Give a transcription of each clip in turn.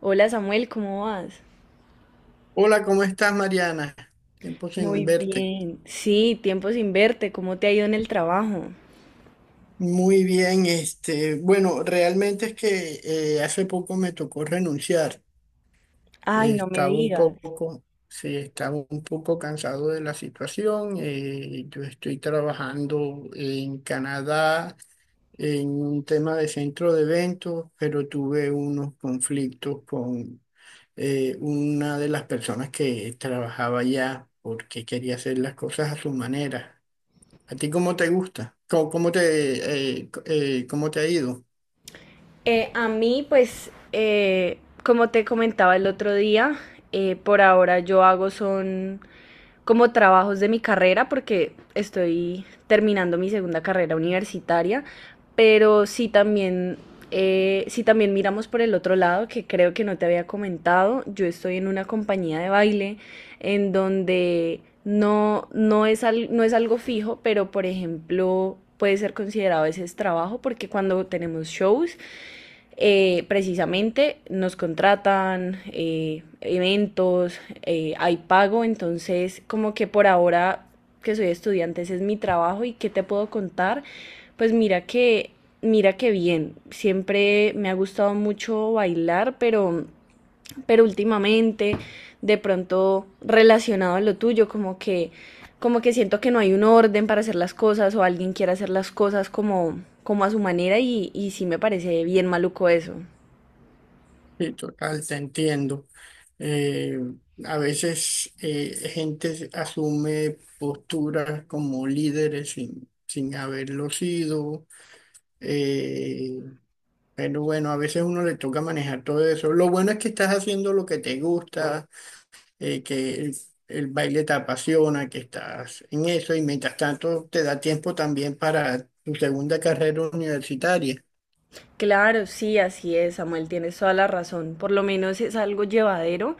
Hola, Samuel, ¿cómo vas? Hola, ¿cómo estás, Mariana? Tiempo sin Muy verte. bien. Sí, tiempo sin verte, ¿cómo te ha ido en el trabajo? Muy bien, bueno, realmente es que hace poco me tocó renunciar. Ay, no me Estaba un digas. poco, sí, estaba un poco cansado de la situación. Yo estoy trabajando en Canadá en un tema de centro de eventos, pero tuve unos conflictos con una de las personas que trabajaba allá porque quería hacer las cosas a su manera. ¿A ti cómo te gusta? ¿Cómo te, cómo te ha ido? A mí, pues, como te comentaba el otro día, por ahora yo hago son como trabajos de mi carrera porque estoy terminando mi segunda carrera universitaria, pero sí también miramos por el otro lado, que creo que no te había comentado, yo estoy en una compañía de baile en donde no, no es, no es algo fijo, pero por ejemplo puede ser considerado a veces trabajo porque cuando tenemos shows, precisamente nos contratan eventos, hay pago, entonces como que por ahora que soy estudiante ese es mi trabajo. Y qué te puedo contar, pues mira que bien, siempre me ha gustado mucho bailar, pero últimamente, de pronto relacionado a lo tuyo, como que siento que no hay un orden para hacer las cosas o alguien quiere hacer las cosas como como a su manera, y sí me parece bien maluco eso. Sí, total, te entiendo. Eh, a veces gente asume posturas como líderes sin haberlo sido, eh, pero bueno, a veces uno le toca manejar todo eso. Lo bueno es que estás haciendo lo que te gusta, que el baile te apasiona, que estás en eso y mientras tanto te da tiempo también para tu segunda carrera universitaria. Claro, sí, así es, Samuel, tienes toda la razón. Por lo menos es algo llevadero,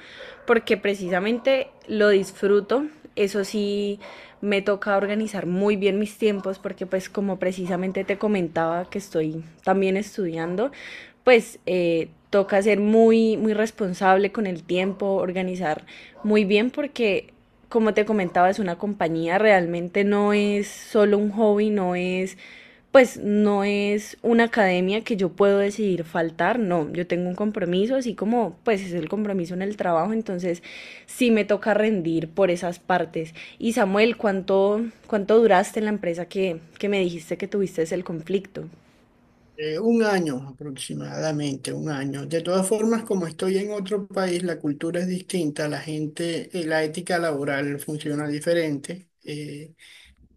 porque precisamente lo disfruto. Eso sí, me toca organizar muy bien mis tiempos, porque pues como precisamente te comentaba que estoy también estudiando, pues toca ser muy, muy responsable con el tiempo, organizar muy bien, porque como te comentaba, es una compañía, realmente no es solo un hobby, no es, pues no es una academia que yo puedo decidir faltar. No, yo tengo un compromiso, así como pues es el compromiso en el trabajo, entonces sí me toca rendir por esas partes. Y Samuel, ¿cuánto duraste en la empresa que me dijiste que tuviste el conflicto? Un año aproximadamente, un año. De todas formas, como estoy en otro país, la cultura es distinta, la gente, la ética laboral funciona diferente.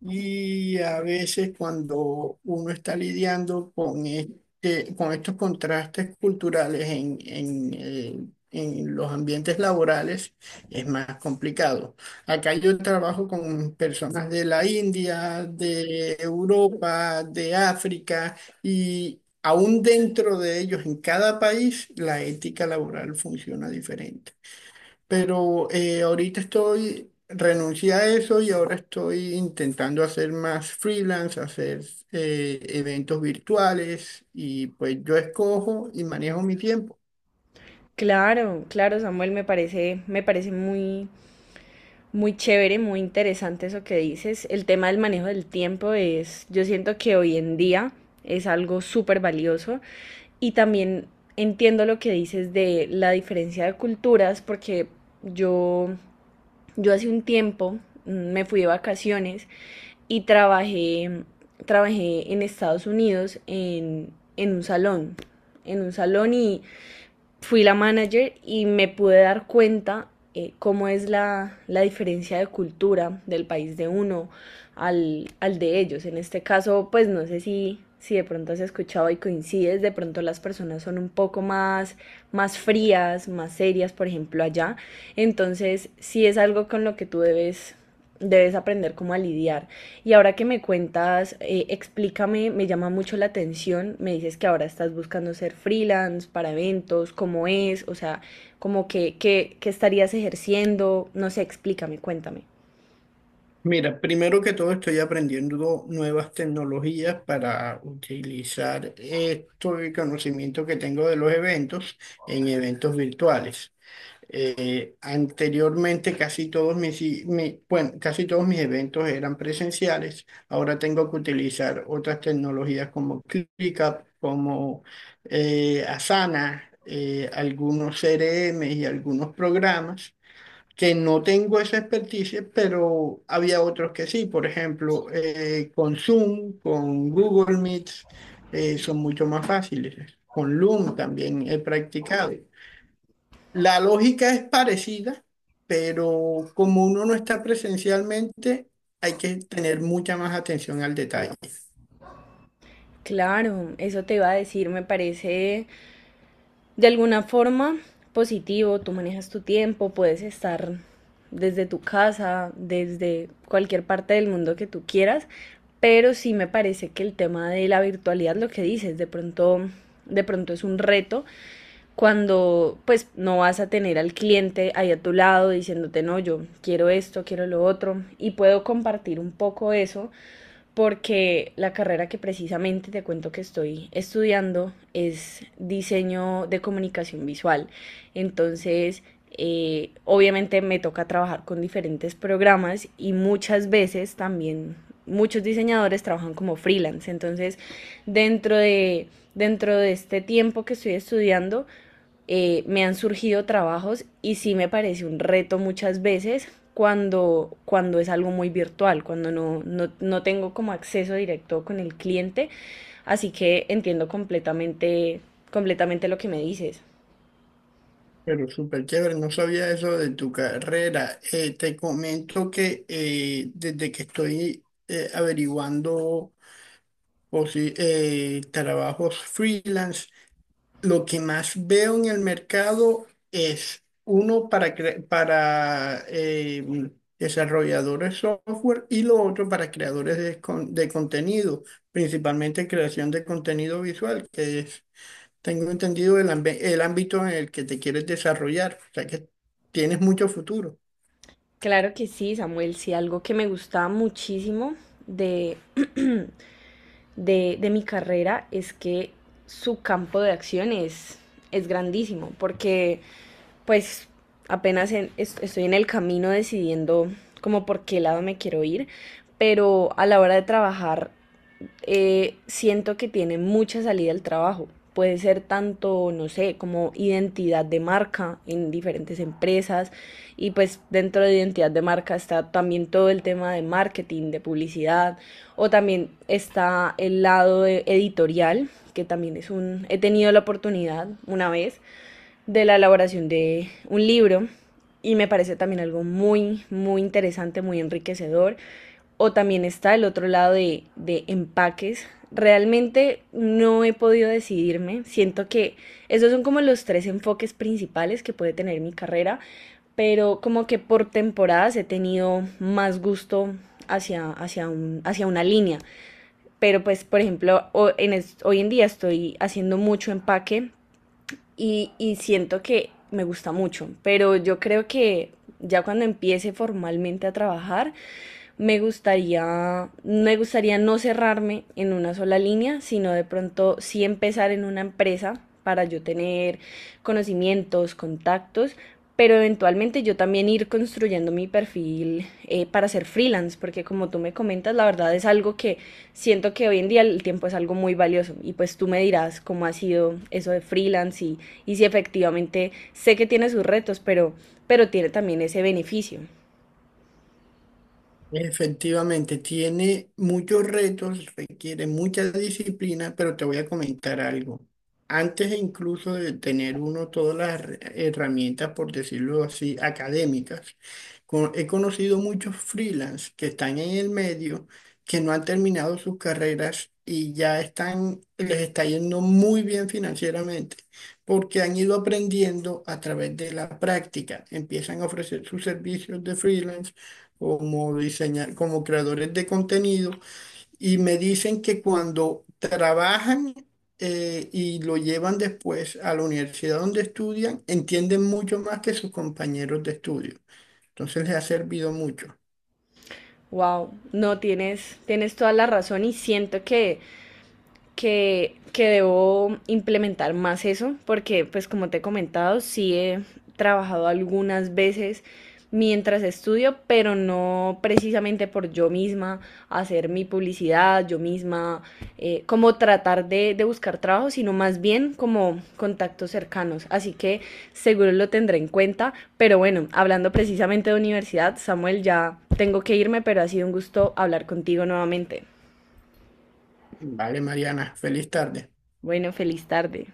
Y a veces cuando uno está lidiando con, con estos contrastes culturales en los ambientes laborales, es más complicado. Acá yo trabajo con personas de la India, de Europa, de África, y aún dentro de ellos, en cada país, la ética laboral funciona diferente. Pero ahorita estoy, renuncié a eso y ahora estoy intentando hacer más freelance, hacer eventos virtuales y pues yo escojo y manejo mi tiempo. Claro, claro, Samuel, me parece muy, muy chévere, muy interesante eso que dices. El tema del manejo del tiempo es, yo siento que hoy en día es algo súper valioso. Y también entiendo lo que dices de la diferencia de culturas, porque yo, yo hace un tiempo, me fui de vacaciones y trabajé en Estados Unidos en, en un salón, en un salón, y fui la manager, y me pude dar cuenta cómo es diferencia de cultura del país de uno de ellos. En este caso, pues no sé si, si de pronto has escuchado y coincides, de pronto las personas son un poco más, más frías, más serias, por ejemplo, allá. Entonces, sí es algo con lo que tú debes debes aprender cómo a lidiar. Y ahora que me cuentas, explícame, me llama mucho la atención. Me dices que ahora estás buscando ser freelance para eventos. ¿Cómo es? O sea, como que, que estarías ejerciendo, no sé, explícame, cuéntame. Mira, primero que todo estoy aprendiendo nuevas tecnologías para utilizar esto el conocimiento que tengo de los eventos en eventos virtuales. Anteriormente casi todos bueno, casi todos mis eventos eran presenciales. Ahora tengo que utilizar otras tecnologías como ClickUp, como Asana, algunos CRM y algunos programas que no tengo esa experticia, pero había otros que sí. Por ejemplo, con Zoom, con Google Meets, son mucho más fáciles. Con Loom también he practicado. La lógica es parecida, pero como uno no está presencialmente, hay que tener mucha más atención al detalle. Claro, eso te iba a decir, me parece, de alguna forma, positivo, tú manejas tu tiempo, puedes estar desde tu casa, desde cualquier parte del mundo que tú quieras, pero sí me parece que el tema de la virtualidad, lo que dices, de pronto es un reto cuando pues no vas a tener al cliente ahí a tu lado diciéndote no, yo quiero esto, quiero lo otro. Y puedo compartir un poco eso, porque la carrera que precisamente te cuento que estoy estudiando es diseño de comunicación visual. Entonces, obviamente me toca trabajar con diferentes programas, y muchas veces también muchos diseñadores trabajan como freelance. Entonces, dentro de, dentro de este tiempo que estoy estudiando, me han surgido trabajos y sí me parece un reto muchas veces cuando, cuando es algo muy virtual, cuando no, no tengo como acceso directo con el cliente. Así que entiendo completamente, completamente lo que me dices. Pero súper chévere, no sabía eso de tu carrera. Te comento que desde que estoy averiguando trabajos freelance, lo que más veo en el mercado es uno para desarrolladores software y lo otro para creadores de contenido, principalmente creación de contenido visual, que es, tengo entendido, el ámbito en el que te quieres desarrollar, o sea que tienes mucho futuro. Claro que sí, Samuel. Sí, algo que me gusta muchísimo de, de mi carrera es que su campo de acción es grandísimo, porque pues apenas estoy en el camino decidiendo como por qué lado me quiero ir, pero a la hora de trabajar, siento que tiene mucha salida al trabajo. Puede ser tanto, no sé, como identidad de marca en diferentes empresas. Y pues dentro de identidad de marca está también todo el tema de marketing, de publicidad. O también está el lado editorial, que también es un... He tenido la oportunidad una vez de la elaboración de un libro y me parece también algo muy, muy interesante, muy enriquecedor. O también está el otro lado de empaques. Realmente no he podido decidirme. Siento que esos son como los tres enfoques principales que puede tener mi carrera, pero como que por temporadas he tenido más gusto hacia una línea. Pero pues, por ejemplo, hoy en día estoy haciendo mucho empaque, y siento que me gusta mucho, pero yo creo que ya cuando empiece formalmente a trabajar, me gustaría no cerrarme en una sola línea, sino de pronto sí empezar en una empresa para yo tener conocimientos, contactos, pero eventualmente yo también ir construyendo mi perfil, para ser freelance, porque como tú me comentas, la verdad es algo que siento que hoy en día el tiempo es algo muy valioso. Y pues tú me dirás cómo ha sido eso de freelance, y si efectivamente sé que tiene sus retos, pero tiene también ese beneficio. Efectivamente, tiene muchos retos, requiere mucha disciplina, pero te voy a comentar algo. Antes e incluso de tener uno todas las herramientas, por decirlo así, académicas, he conocido muchos freelance que están en el medio, que no han terminado sus carreras y ya están, les está yendo muy bien financieramente, porque han ido aprendiendo a través de la práctica. Empiezan a ofrecer sus servicios de freelance como diseñar, como creadores de contenido, y me dicen que cuando trabajan y lo llevan después a la universidad donde estudian, entienden mucho más que sus compañeros de estudio. Entonces les ha servido mucho. Wow, no tienes, tienes toda la razón y siento que que debo implementar más eso, porque pues como te he comentado, sí he trabajado algunas veces mientras estudio, pero no precisamente por yo misma hacer mi publicidad, yo misma, como tratar de buscar trabajo, sino más bien como contactos cercanos. Así que seguro lo tendré en cuenta, pero bueno, hablando precisamente de universidad, Samuel, ya tengo que irme, pero ha sido un gusto hablar contigo nuevamente. Vale, Mariana, feliz tarde. Bueno, feliz tarde.